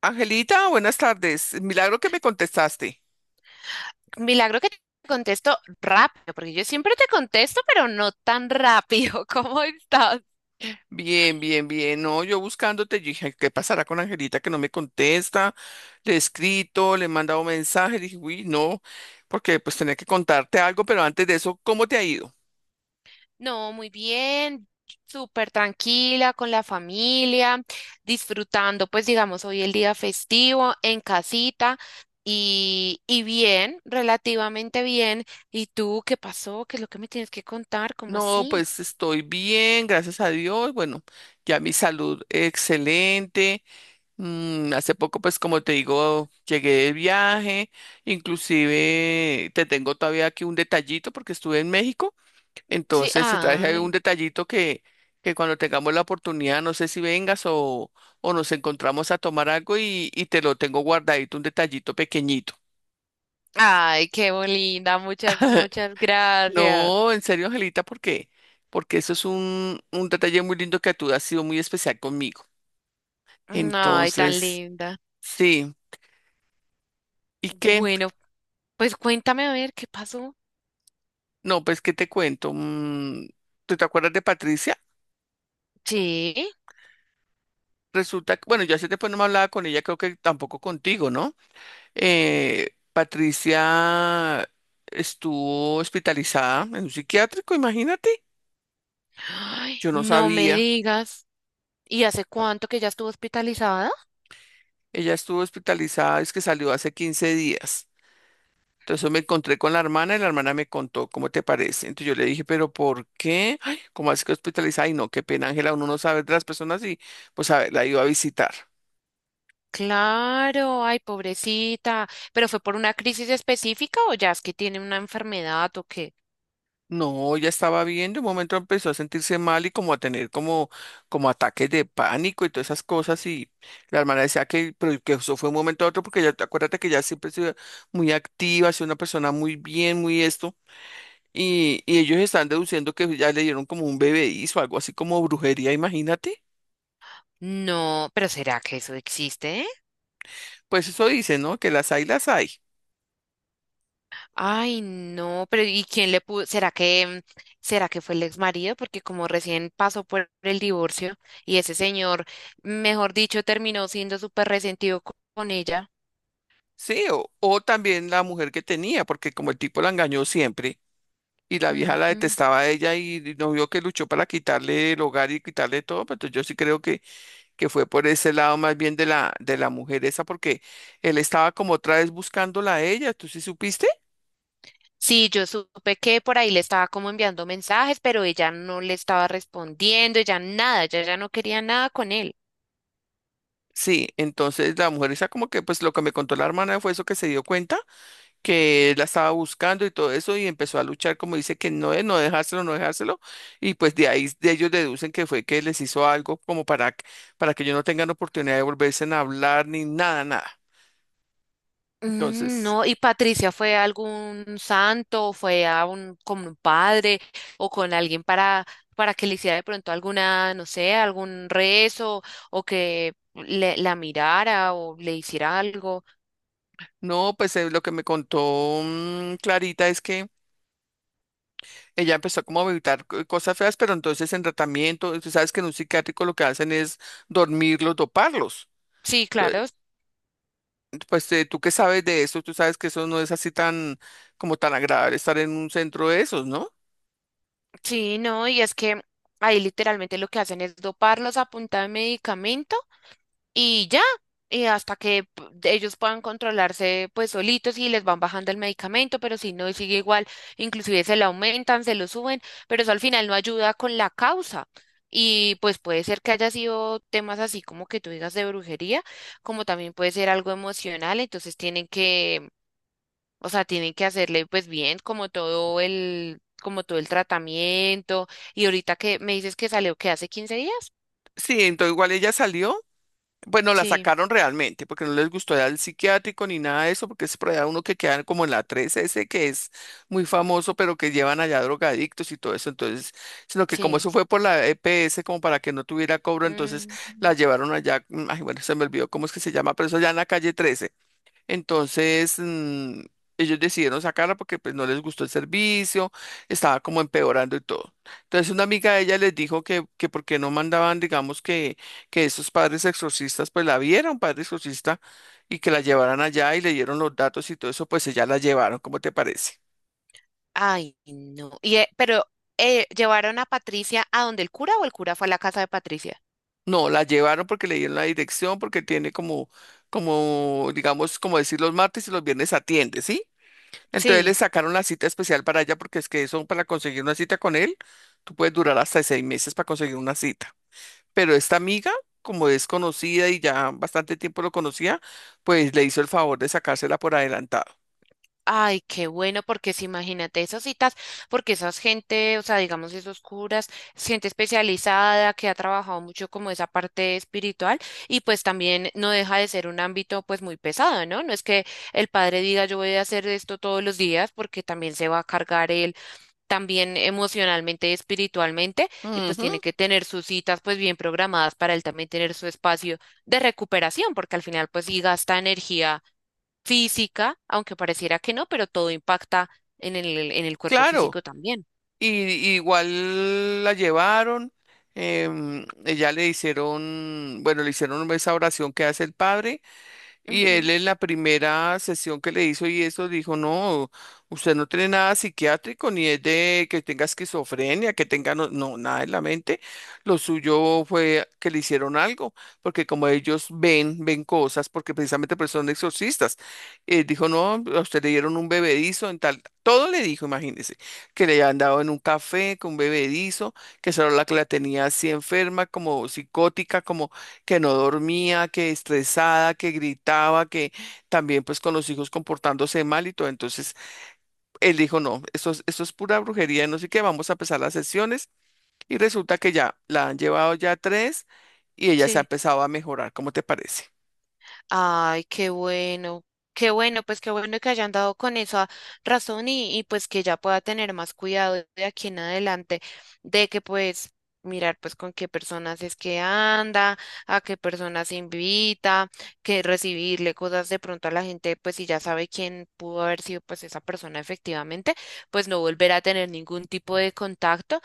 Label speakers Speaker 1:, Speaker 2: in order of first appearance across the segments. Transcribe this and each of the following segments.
Speaker 1: Angelita, buenas tardes. Milagro que me contestaste.
Speaker 2: Milagro que te contesto rápido, porque yo siempre te contesto, pero no tan rápido. ¿Cómo estás?
Speaker 1: Bien, bien, bien. No, yo buscándote, yo dije, ¿qué pasará con Angelita que no me contesta? Le he escrito, le he mandado mensaje, dije, uy, no, porque pues tenía que contarte algo, pero antes de eso, ¿cómo te ha ido?
Speaker 2: No, muy bien, súper tranquila con la familia, disfrutando, pues digamos, hoy el día festivo en casita y bien, relativamente bien. ¿Y tú qué pasó? ¿Qué es lo que me tienes que contar? ¿Cómo
Speaker 1: No,
Speaker 2: así?
Speaker 1: pues estoy bien, gracias a Dios. Bueno, ya mi salud excelente. Hace poco, pues como te digo, llegué de viaje. Inclusive te tengo todavía aquí un detallito porque estuve en México.
Speaker 2: Sí,
Speaker 1: Entonces se trae un
Speaker 2: ay,
Speaker 1: detallito que cuando tengamos la oportunidad, no sé si vengas o nos encontramos a tomar algo y te lo tengo guardadito, un detallito pequeñito.
Speaker 2: ay, qué linda, muchas gracias.
Speaker 1: No, en serio, Angelita, porque eso es un detalle muy lindo que tú has sido muy especial conmigo.
Speaker 2: Ay, tan
Speaker 1: Entonces,
Speaker 2: linda.
Speaker 1: sí. ¿Y qué?
Speaker 2: Bueno, pues cuéntame a ver qué pasó.
Speaker 1: No, pues, ¿qué te cuento? ¿Tú te acuerdas de Patricia?
Speaker 2: Sí.
Speaker 1: Resulta que, bueno, yo hace tiempo no me hablaba con ella, creo que tampoco contigo, ¿no? Patricia estuvo hospitalizada en un psiquiátrico, imagínate.
Speaker 2: Ay,
Speaker 1: Yo no
Speaker 2: no me
Speaker 1: sabía.
Speaker 2: digas. ¿Y hace cuánto que ya estuvo hospitalizada?
Speaker 1: Ella estuvo hospitalizada, es que salió hace 15 días. Entonces me encontré con la hermana y la hermana me contó, ¿cómo te parece? Entonces yo le dije, ¿pero por qué? Ay, ¿cómo así que hospitalizada? Y no, qué pena, Ángela, uno no sabe de las personas y pues a ver, la iba a visitar.
Speaker 2: Claro, ay, pobrecita. ¿Pero fue por una crisis específica o ya es que tiene una enfermedad o qué?
Speaker 1: No, ya estaba bien, de un momento empezó a sentirse mal y como a tener como ataques de pánico y todas esas cosas y la hermana decía que, pero que eso fue un momento a otro porque ya, acuérdate que ya siempre se muy activa, es una persona muy bien, muy esto y ellos están deduciendo que ya le dieron como un bebedizo, algo así como brujería, imagínate.
Speaker 2: No, pero ¿será que eso existe?
Speaker 1: Pues eso dicen, ¿no? Que las hay, las hay.
Speaker 2: Ay, no, pero ¿y quién le pudo? ¿Será que será que fue el ex marido? Porque como recién pasó por el divorcio y ese señor, mejor dicho, terminó siendo súper resentido con ella.
Speaker 1: Sí, o también la mujer que tenía, porque como el tipo la engañó siempre. Y la vieja la
Speaker 2: Ujú.
Speaker 1: detestaba a ella y no vio que luchó para quitarle el hogar y quitarle todo, pero entonces yo sí creo que fue por ese lado más bien de la mujer esa, porque él estaba como otra vez buscándola a ella, ¿tú sí supiste?
Speaker 2: Sí, yo supe que por ahí le estaba como enviando mensajes, pero ella no le estaba respondiendo, ella nada, ella ya no quería nada con él.
Speaker 1: Sí, entonces la mujer esa como que pues lo que me contó la hermana fue eso que se dio cuenta, que él la estaba buscando y todo eso y empezó a luchar como dice que no, no dejárselo, no dejárselo y pues de ahí de ellos deducen que fue que les hizo algo como para, para que ellos no tengan oportunidad de volverse a hablar ni nada, nada.
Speaker 2: Mm,
Speaker 1: Entonces...
Speaker 2: no, y Patricia fue a algún santo, fue a un con un padre o con alguien para que le hiciera de pronto alguna, no sé, algún rezo o que le, la mirara o le hiciera algo.
Speaker 1: No, pues lo que me contó Clarita es que ella empezó como a evitar cosas feas, pero entonces en tratamiento, tú sabes que en un psiquiátrico lo que hacen es dormirlos, doparlos.
Speaker 2: Sí,
Speaker 1: Eh,
Speaker 2: claro,
Speaker 1: Pues tú qué sabes de eso, tú sabes que eso no es así tan como tan agradable estar en un centro de esos, ¿no?
Speaker 2: sí, no, y es que ahí literalmente lo que hacen es doparlos a punta de medicamento. Y ya, y hasta que ellos puedan controlarse pues solitos y les van bajando el medicamento, pero si no, sigue igual, inclusive se lo aumentan, se lo suben, pero eso al final no ayuda con la causa. Y pues puede ser que haya sido temas así como que tú digas de brujería, como también puede ser algo emocional, entonces tienen que, o sea, tienen que hacerle pues bien como todo el tratamiento. Y ahorita que me dices que salió que hace 15 días.
Speaker 1: Sí, entonces igual ella salió. Bueno, la
Speaker 2: Sí,
Speaker 1: sacaron realmente porque no les gustó ir al psiquiátrico ni nada de eso, porque es por allá uno que quedan como en la 3S, que es muy famoso, pero que llevan allá drogadictos y todo eso. Entonces, sino que como
Speaker 2: sí.
Speaker 1: eso fue por la EPS, como para que no tuviera cobro, entonces
Speaker 2: Mm.
Speaker 1: la llevaron allá. Ay, bueno, se me olvidó cómo es que se llama, pero eso allá en la calle 13. Entonces, ellos decidieron sacarla porque pues no les gustó el servicio, estaba como empeorando y todo. Entonces, una amiga de ella les dijo que por qué no mandaban, digamos, que esos padres exorcistas, pues la viera un padre exorcista y que la llevaran allá y le dieron los datos y todo eso, pues ella la llevaron, ¿cómo te parece?
Speaker 2: Ay, no. Y, pero ¿llevaron a Patricia a donde el cura o el cura fue a la casa de Patricia?
Speaker 1: No, la llevaron porque le dieron la dirección, porque tiene como, digamos, como decir los martes y los viernes atiende, ¿sí? Entonces le
Speaker 2: Sí.
Speaker 1: sacaron la cita especial para ella porque es que eso para conseguir una cita con él, tú puedes durar hasta 6 meses para conseguir una cita. Pero esta amiga, como es conocida y ya bastante tiempo lo conocía, pues le hizo el favor de sacársela por adelantado.
Speaker 2: Ay, qué bueno, porque si imagínate esas citas, porque esas gente, o sea, digamos esos curas, es gente especializada que ha trabajado mucho como esa parte espiritual y pues también no deja de ser un ámbito pues muy pesado, ¿no? No es que el padre diga yo voy a hacer esto todos los días porque también se va a cargar él también emocionalmente y espiritualmente, y pues
Speaker 1: Ujú,
Speaker 2: tiene que tener sus citas pues bien programadas para él también tener su espacio de recuperación, porque al final pues sí gasta energía física, aunque pareciera que no, pero todo impacta en el cuerpo
Speaker 1: claro.
Speaker 2: físico también.
Speaker 1: Y igual la llevaron, ella le hicieron, bueno, le hicieron esa oración que hace el padre. Y él
Speaker 2: Ujú.
Speaker 1: en la primera sesión que le hizo y eso dijo, no, usted no tiene nada psiquiátrico, ni es de que tenga esquizofrenia, que tenga, no, no, nada en la mente. Lo suyo fue que le hicieron algo, porque como ellos ven, ven cosas, porque precisamente pues son exorcistas. Dijo, no, a usted le dieron un bebedizo en tal, todo le dijo, imagínese, que le habían dado en un café con un bebedizo, que esa era la que la tenía así enferma, como psicótica, como que no dormía, que estresada, que gritaba, que también pues con los hijos comportándose mal y todo. Entonces él dijo, no, esto es pura brujería, no sé qué, vamos a empezar las sesiones y resulta que ya la han llevado ya tres y ella se ha
Speaker 2: Sí.
Speaker 1: empezado a mejorar. ¿Cómo te parece?
Speaker 2: Ay, qué bueno, pues qué bueno que hayan dado con esa razón y pues que ya pueda tener más cuidado de aquí en adelante, de que pues mirar pues con qué personas es que anda, a qué personas invita, que recibirle cosas de pronto a la gente, pues si ya sabe quién pudo haber sido pues esa persona efectivamente, pues no volver a tener ningún tipo de contacto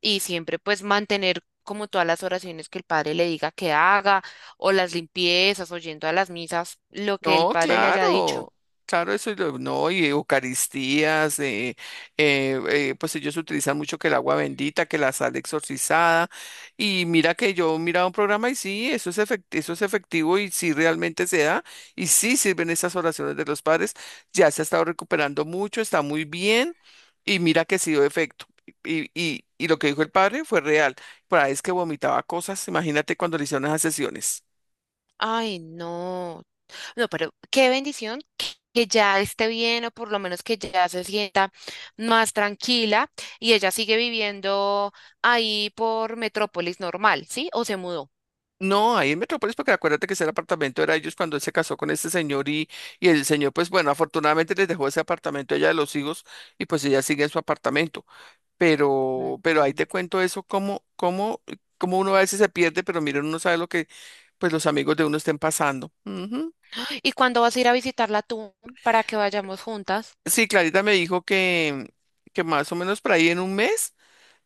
Speaker 2: y siempre pues mantener como todas las oraciones que el padre le diga que haga o las limpiezas, o yendo a las misas, lo que el
Speaker 1: No,
Speaker 2: padre le haya dicho.
Speaker 1: claro, claro, eso es no, y Eucaristías, pues ellos utilizan mucho que el agua bendita, que la sal exorcizada, y mira que yo miraba un programa y sí, eso es efectivo y sí realmente se da, y sí sirven esas oraciones de los padres, ya se ha estado recuperando mucho, está muy bien, y mira que sí dio efecto. Y lo que dijo el padre fue real, por ahí es que vomitaba cosas, imagínate cuando le hicieron esas sesiones.
Speaker 2: Ay, no. No, pero qué bendición que ya esté bien o por lo menos que ya se sienta más tranquila y ella sigue viviendo ahí por Metrópolis normal, ¿sí? ¿O se mudó?
Speaker 1: No, ahí en Metrópolis, porque acuérdate que ese apartamento era de ellos cuando él se casó con este señor y el señor, pues bueno, afortunadamente les dejó ese apartamento a ella de los hijos y pues ella sigue en su apartamento. Pero ahí
Speaker 2: Mm.
Speaker 1: te cuento eso, cómo uno a veces se pierde, pero mira, uno no sabe lo que pues los amigos de uno estén pasando. Ujú.
Speaker 2: ¿Y cuándo vas a ir a visitarla tú para que vayamos juntas?
Speaker 1: Sí, Clarita me dijo que más o menos por ahí en un mes.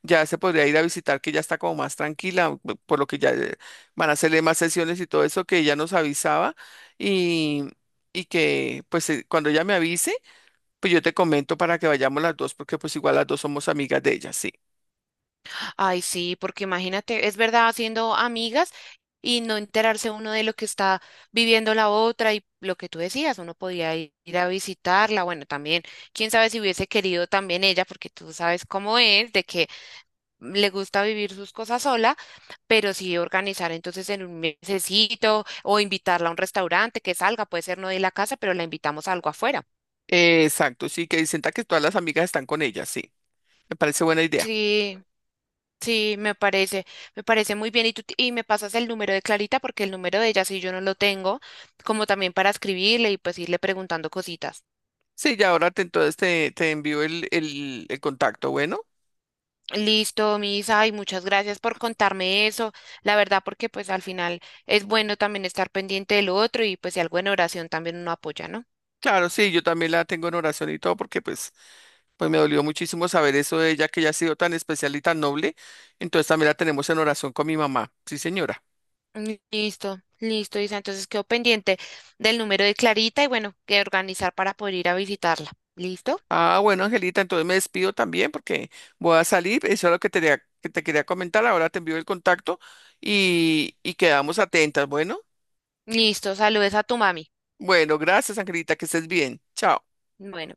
Speaker 1: Ya se podría ir a visitar, que ya está como más tranquila, por lo que ya van a hacerle más sesiones y todo eso que ella nos avisaba y, y que pues cuando ella me avise, pues yo te comento para que vayamos las dos, porque pues igual las dos somos amigas de ella, sí.
Speaker 2: Ay, sí, porque imagínate, es verdad, haciendo amigas y no enterarse uno de lo que está viviendo la otra y lo que tú decías, uno podía ir a visitarla, bueno, también, quién sabe si hubiese querido también ella, porque tú sabes cómo es, de que le gusta vivir sus cosas sola, pero sí organizar entonces en un mesecito o invitarla a un restaurante que salga, puede ser no de la casa, pero la invitamos a algo afuera.
Speaker 1: Exacto, sí, que sienta que todas las amigas están con ella, sí. Me parece buena idea.
Speaker 2: Sí. Sí, me parece muy bien. Y tú, y me pasas el número de Clarita porque el número de ella sí yo no lo tengo, como también para escribirle y pues irle preguntando cositas.
Speaker 1: Sí, ya ahora entonces te envío el contacto, bueno.
Speaker 2: Listo, Misa, y muchas gracias por contarme eso. La verdad, porque pues al final es bueno también estar pendiente de lo otro y pues si algo en oración también uno apoya, ¿no?
Speaker 1: Claro, sí, yo también la tengo en oración y todo porque pues me dolió muchísimo saber eso de ella, que ella ha sido tan especial y tan noble. Entonces también la tenemos en oración con mi mamá. Sí, señora.
Speaker 2: Listo, listo, Isa. Entonces quedo pendiente del número de Clarita y bueno, que organizar para poder ir a visitarla. ¿Listo?
Speaker 1: Ah, bueno, Angelita, entonces me despido también porque voy a salir. Eso es lo que te quería comentar. Ahora te envío el contacto y quedamos atentas. Bueno,
Speaker 2: Listo, saludes a tu mami.
Speaker 1: bueno, gracias, Angelita, que estés bien. Chao.
Speaker 2: Bueno.